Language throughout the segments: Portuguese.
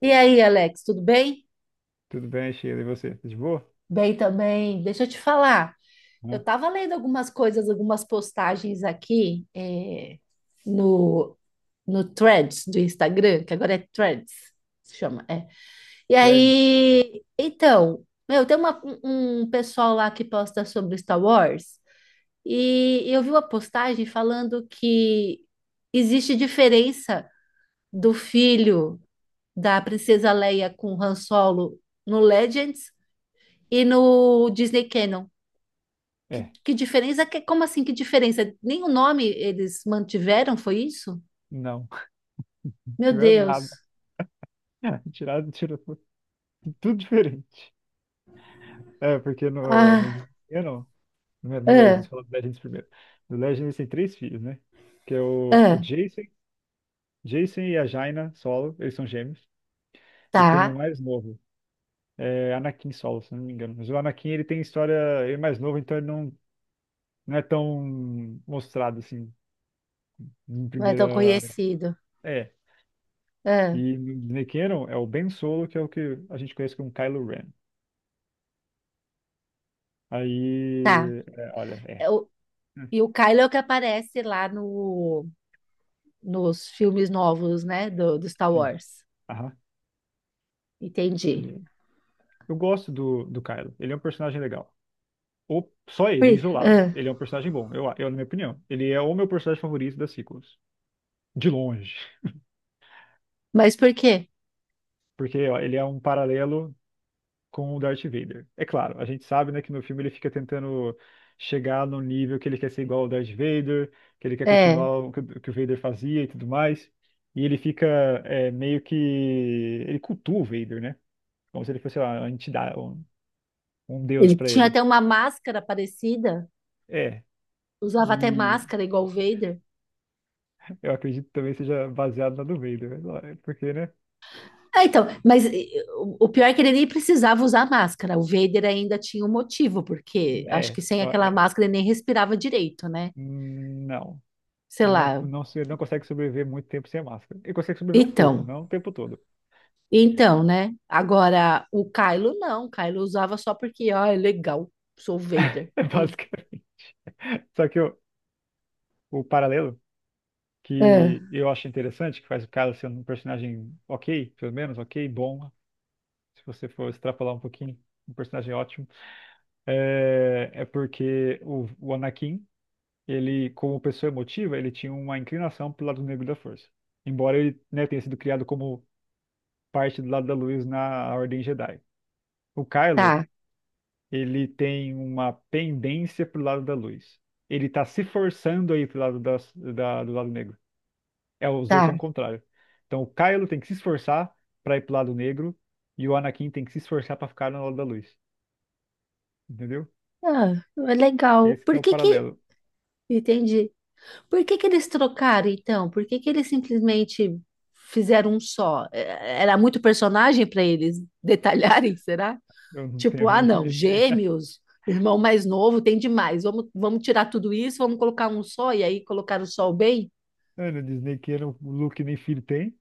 E aí, Alex, tudo bem? Tudo bem, Sheila, e você? Tá de boa? Bem também. Deixa eu te falar. Eu Hã? estava lendo algumas coisas, algumas postagens aqui no, no Threads do Instagram, que agora é Threads, se chama. É. E Tiver... aí, então, meu, um pessoal lá que posta sobre Star Wars e eu vi uma postagem falando que existe diferença do filho da princesa Leia com Han Solo no Legends e no Disney Canon. Que, É, que diferença? Como assim? Que diferença? Nem o nome eles mantiveram, foi isso? não. Meu Tiver nada. Deus. Tirou tudo diferente. É, porque no... Ah, no... eu não. Não é do Legends, ah, fala do Legends primeiro. Do Legends tem três filhos, né? Que é o, o ah, Jason, Jason e a Jaina Solo, eles são gêmeos. E tem o tá. mais novo, é Anakin Solo, se eu não me engano. Mas o Anakin, ele tem história. Ele é mais novo, então ele não é tão mostrado, assim, em Não é tão primeira. conhecido. É. E Ah, Nick Cannon é o Ben Solo, que é o que a gente conhece como Kylo Ren. tá. Aí, é, olha, é. É o- Hum, e o Kylo é o que aparece lá no, nos filmes novos, né? Do Star Sim. Wars. Aham. Entendi. que... Eu gosto do Kylo. Ele é um personagem legal. Ou só ele, Ui, isolado. ah, Ele é um personagem bom, eu, na minha opinião. Ele é o meu personagem favorito das sequels. De longe. mas por quê? Porque ó, ele é um paralelo com o Darth Vader. É claro, a gente sabe, né, que no filme ele fica tentando chegar no nível que ele quer ser igual ao Darth Vader, que ele quer É, continuar o que o Vader fazia e tudo mais. E ele fica, meio que ele cultua o Vader, né? Como se ele fosse, sei lá, uma entidade, um deus ele pra tinha ele. até uma máscara parecida, É. usava até E máscara igual o Vader. eu acredito que também seja baseado na do Vader, né? Porque, né? Ah, então, mas o pior é que ele nem precisava usar máscara. O Vader ainda tinha um motivo, porque acho É, que sem aquela é. máscara ele nem respirava direito, né? Não. Sei Ele lá. Não consegue sobreviver muito tempo sem a máscara. Ele consegue sobreviver um pouco, Então, não o tempo todo. então, né? Agora, o Kylo não. O Kylo usava só porque, ó, é legal, sou o Vader. É basicamente. Só que o paralelo ah, que eu acho interessante, que faz o cara ser um personagem ok, pelo menos ok, bom, se você for extrapolar um pouquinho, um personagem ótimo, é porque o Anakin, ele, como pessoa emotiva, ele tinha uma inclinação pro lado negro da força. Embora ele, né, tenha sido criado como parte do lado da luz na Ordem Jedi. O Kylo, tá, ele tem uma pendência pro lado da luz. Ele tá se forçando aí pro lado do lado negro. É, os dois são o tá. contrário. Então o Kylo tem que se esforçar pra ir pro lado negro e o Anakin tem que se esforçar pra ficar no lado da luz. Entendeu? Ah, é legal. Esse que é o paralelo. Entendi. Por que que eles trocaram, então? Por que que eles simplesmente fizeram um só? Era muito personagem para eles detalharem, será? Eu não tenho Tipo, a ah, mínima não, ideia. gêmeos, irmão mais novo, tem demais. Vamos tirar tudo isso, vamos colocar um só, e aí colocar o sol bem? Mano, Disney que era o Luke nem filho tem.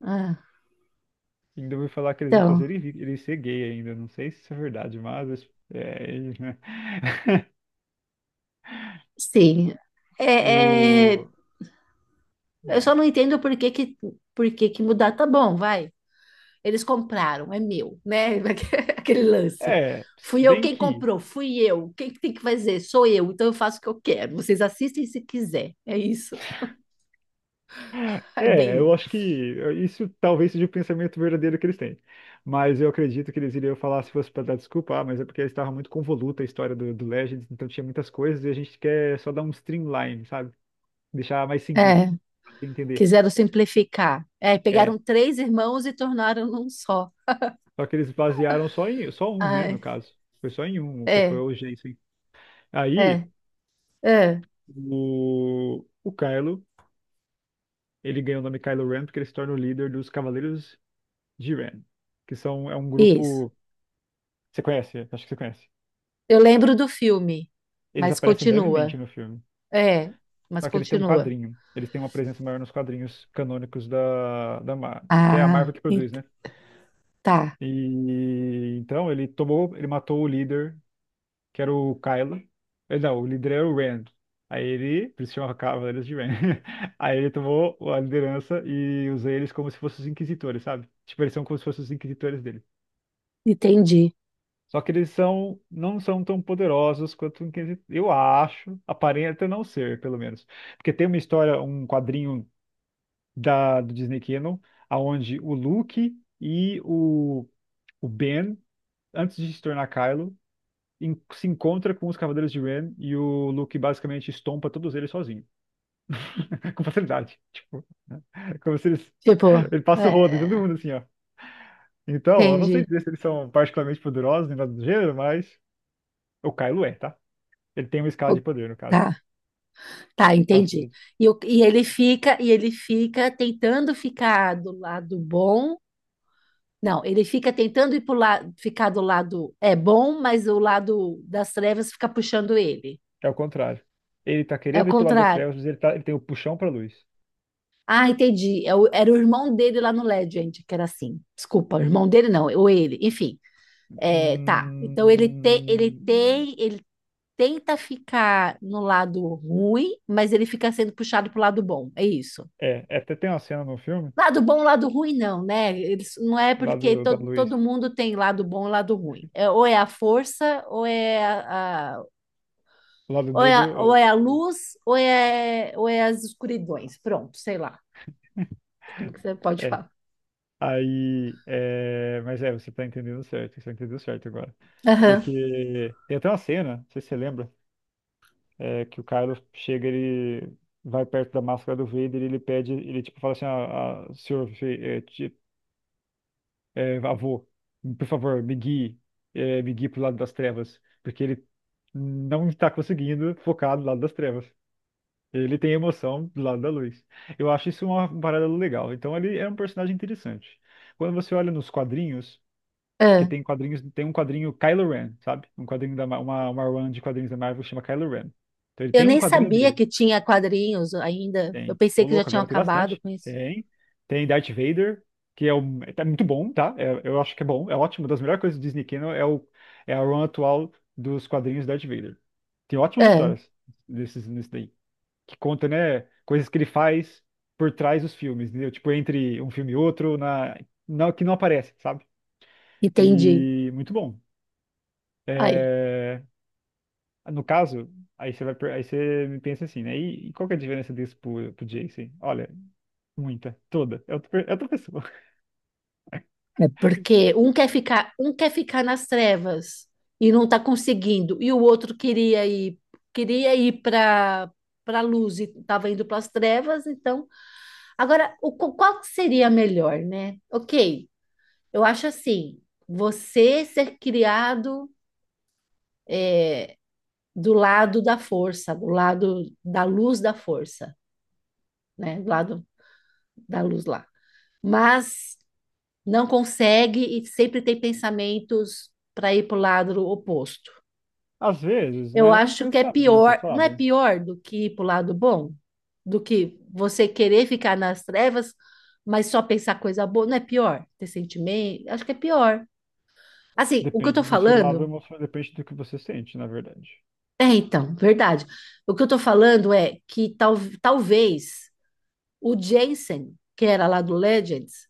Ah, Ainda vou falar que eles vão então, fazer ele ser gay ainda. Não sei se isso é verdade, mas é, sim. É, é, o eu só é. não entendo por que que mudar. Tá bom, vai. Eles compraram, é meu, né? Aquele lance. É, Fui se eu bem quem que. comprou, fui eu. Quem que tem que fazer? Sou eu, então eu faço o que eu quero. Vocês assistem se quiser. É isso. É É, bem. eu acho que isso talvez seja o pensamento verdadeiro que eles têm. Mas eu acredito que eles iriam falar se fosse para dar desculpa, ah, mas é porque estava muito convoluta a história do Legends, então tinha muitas coisas e a gente quer só dar um streamline, sabe? Deixar mais simples, É, pra você entender. quiseram simplificar. É, É, pegaram três irmãos e tornaram num só. só que eles basearam só em só um, né, no Ai, caso. Foi só em um, o que foi é, o Jensen. Aí, é, é, o Kylo, ele ganhou o nome Kylo Ren porque ele se torna o líder dos Cavaleiros de Ren, que são, é um isso. grupo. Você conhece? Acho que você conhece. Eu lembro do filme, Eles mas aparecem brevemente continua. no filme. É, mas Só que eles têm um continua. quadrinho. Eles têm uma presença maior nos quadrinhos canônicos da Marvel, que é a Ah, Marvel que produz, ent- né? tá, E então ele tomou, ele matou o líder, que era o Kylo. Não, o líder era o Rand. Aí ele, por isso chamava Cavaleiros de Ren. Aí ele tomou a liderança e usou eles como se fossem os inquisitores, sabe? Tipo, eles são como se fossem os inquisitores dele. entendi. Só que eles não são tão poderosos quanto o Inquisitor. Eu acho, aparenta não ser, pelo menos. Porque tem uma história, um quadrinho da, do Disney Canon, aonde o Luke e o Ben, antes de se tornar Kylo, se encontra com os Cavaleiros de Ren e o Luke basicamente estompa todos eles sozinho, com facilidade. Tipo, é como se eles, Tipo, ele passa é, o rodo em todo é, mundo assim, ó. Então, eu não sei entendi. dizer se eles são particularmente poderosos nem nada do gênero, mas o Kylo é, tá? Ele tem uma escala O- de poder, no caso. Tá, tá, Passa o entendi. E ele fica tentando ficar do lado bom. Não, ele fica tentando ir pro lado, ficar do lado é bom, mas o lado das trevas fica puxando ele. É o contrário. Ele tá É o querendo ir pro lado das contrário. trevas, mas ele, tá, ele tem o puxão pra luz. Ah, entendi. Era o irmão dele lá no Legend, que era assim. Desculpa, o irmão dele não, ou ele, enfim. É, tá. Então Hum, ele tenta ficar no lado ruim, mas ele fica sendo puxado pro lado bom. É isso. é, até tem uma cena no filme, Lado bom, lado ruim, não, né? Eles, não é lá porque do, da luz, todo mundo tem lado bom e lado ruim. É, ou é a força, lado ou negro. ou é a luz, ou é as escuridões. Pronto, sei lá. Como que você pode É. falar? Aí, é, mas é, você tá entendendo certo, você entendeu certo agora. Aham. Porque tem até uma cena, não sei se você lembra, é, que o Kylo chega, ele vai perto da máscara do Vader e ele pede, ele tipo fala assim, ah, senhor, avô, por favor, me guie pro lado das trevas, porque ele não está conseguindo focar do lado das trevas. Ele tem emoção do lado da luz. Eu acho isso uma parada legal. Então ele é um personagem interessante. Quando você olha nos quadrinhos, que É. tem quadrinhos, tem um quadrinho Kylo Ren, sabe? Um quadrinho da uma run de quadrinhos da Marvel que chama Kylo Ren. Então ele Eu tem um nem quadrinho sabia dele. que tinha quadrinhos ainda. Eu Tem. pensei Ô, que já louco, tinham agora tem acabado bastante. com isso. Tem. Tem Darth Vader, que é muito bom, tá? Eu acho que é bom, é ótimo. Uma das melhores coisas do Disney Channel é a run atual dos quadrinhos Darth Vader. Tem ótimas É, histórias desses, nisso daí, que conta, né, coisas que ele faz por trás dos filmes, entendeu? Tipo, entre um filme e outro, na, que não aparece, sabe? entendi. E muito bom. Aí, É, no caso, aí você me pensa assim, né? E qual que é a diferença disso pro Jason? Olha, muita, toda. É outra pessoa. é porque um quer ficar nas trevas e não está conseguindo, e o outro queria ir para para luz e estava indo para as trevas, então, agora qual que seria melhor, né? OK. Eu acho assim, você ser criado é, do lado da força, do lado da luz da força, né? Do lado da luz lá. Mas não consegue e sempre tem pensamentos para ir para o lado oposto. Às vezes, não Eu é um acho que é pensamento, pior, não é sabe? pior do que ir para o lado bom? Do que você querer ficar nas trevas, mas só pensar coisa boa, não é pior? Ter sentimento, acho que é pior. Assim, o que eu tô Depende do seu lado falando, emocional, depende do que você sente, na verdade. é então, verdade. O que eu tô falando é que tal, talvez o Jensen, que era lá do Legends,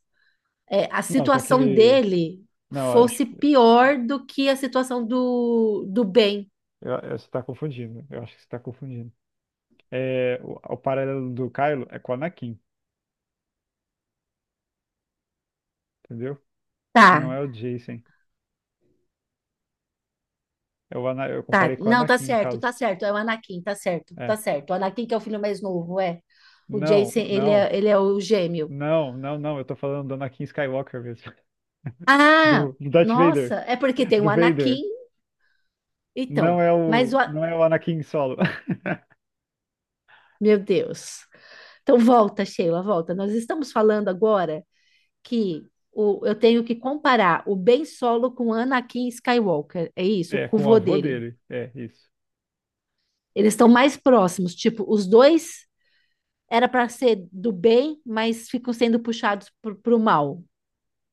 é, a Não, só situação que. dele Não, eu acho fosse que. pior do que a situação do Ben. Você tá confundindo. Eu acho que você tá confundindo. É, o paralelo do Kylo é com o Anakin, entendeu? Não Tá, é o Jason. É, eu tá. comparei com o Não, tá Anakin, no certo, tá caso. certo. É o Anakin, tá certo, tá É. certo. O Anakin que é o filho mais novo, é. O Não, Jason, não. Ele é o gêmeo. Não, não, não, eu tô falando do Anakin Skywalker mesmo. Ah, Do Darth nossa, Vader. é porque tem o Do Vader. Anakin, Não então. é Mas o. o, A- não é o Anakin solo. Meu Deus. Então volta, Sheila, volta. Nós estamos falando agora que o, eu tenho que comparar o Ben Solo com o Anakin Skywalker. É isso, É, com o com o vô avô dele. dele. É, isso. Eles estão mais próximos. Tipo, os dois era para ser do bem, mas ficam sendo puxados para o mal.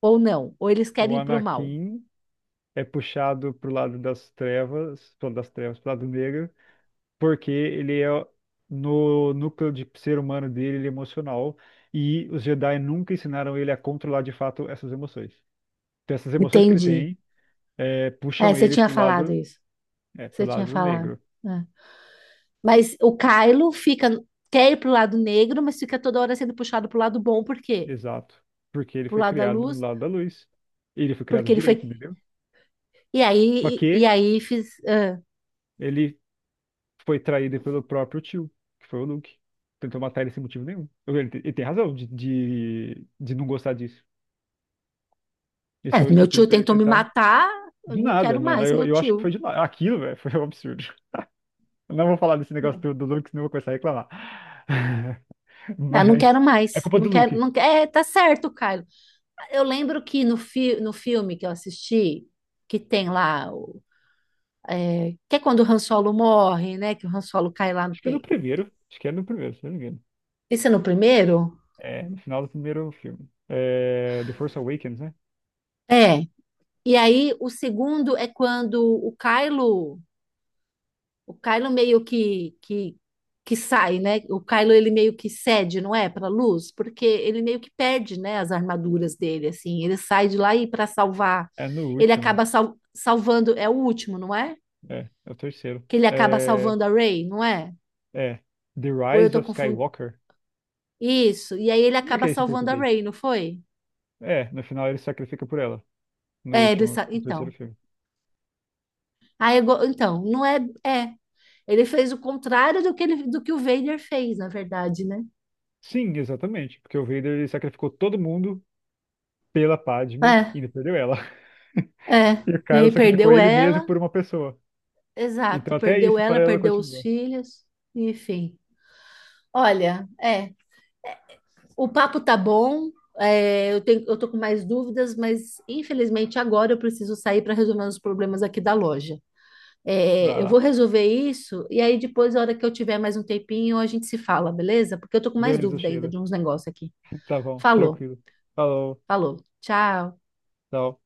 Ou não. Ou eles O querem ir para o mal. Anakin é puxado pro lado das trevas, pro lado negro, porque ele é no núcleo de ser humano dele, ele é emocional, e os Jedi nunca ensinaram ele a controlar de fato essas emoções. Então, essas emoções que ele Entendi. tem, É, puxam você ele tinha pro falado lado, isso. é, pro Você tinha lado falado. negro. É. Mas o Kylo fica, quer ir pro lado negro, mas fica toda hora sendo puxado pro lado bom. Por quê? Exato. Porque ele Pro foi lado da criado do luz. lado da luz. Ele foi Porque criado ele foi. direito, entendeu? Só E que aí fiz. É, ele foi traído pelo próprio tio, que foi o Luke. Tentou matar ele sem motivo nenhum. Ele tem razão de não gostar disso. Esse foi é, o meu estopim tio pra ele tentou me tentar. matar. Eu Do não nada, quero mano. mais, Eu, meu eu acho que tio. foi de nada. Aquilo, velho, foi um absurdo. Eu não vou falar desse negócio Não, do Luke, senão eu vou começar a reclamar. não quero Mas é mais. culpa Não do quero, Luke. não quero. É, tá certo, Kylo. Eu lembro que no filme que eu assisti, que tem lá, que é quando o Han Solo morre, né? Que o Han Solo cai lá no Acho que é no peito. primeiro. Acho que é no primeiro, se não me engano. Esse é no primeiro? É, no final do primeiro filme. É, The Force Awakens, né? É. E aí o segundo é quando o Kylo que sai, né? O Kylo ele meio que cede, não é, para luz, porque ele meio que perde, né, as armaduras dele, assim. Ele sai de lá e para salvar, É no ele último. acaba salvando, é o último, não é? É o terceiro. Que ele acaba É, salvando a Rey, não é? é The Ou eu Rise tô of confundindo. Skywalker. Isso. E aí ele Como é acaba que é esse em salvando a português? Ray, não foi? É, no final ele se sacrifica por ela. No último, no terceiro Então. filme. Então, não é. É. Ele fez o contrário do que, ele, do que o Vader fez, na verdade, né? Sim, exatamente. Porque o Vader ele sacrificou todo mundo pela Padme É, e ainda perdeu ela. é. E o E Kylo aí sacrificou perdeu ele mesmo ela. por uma pessoa. Exato. Então até Perdeu isso ela, para ela perdeu os continua. filhos. Enfim. Olha, é. O papo tá bom. É, eu tenho, eu tô com mais dúvidas, mas infelizmente agora eu preciso sair para resolver os problemas aqui da loja. Vai É, eu lá. vou resolver isso e aí depois, na hora que eu tiver mais um tempinho, a gente se fala, beleza? Porque eu tô com mais Beleza, dúvida ainda Sheila. de uns negócios aqui. Tá bom, Falou, tranquilo. Falou, falou. Tchau. tchau.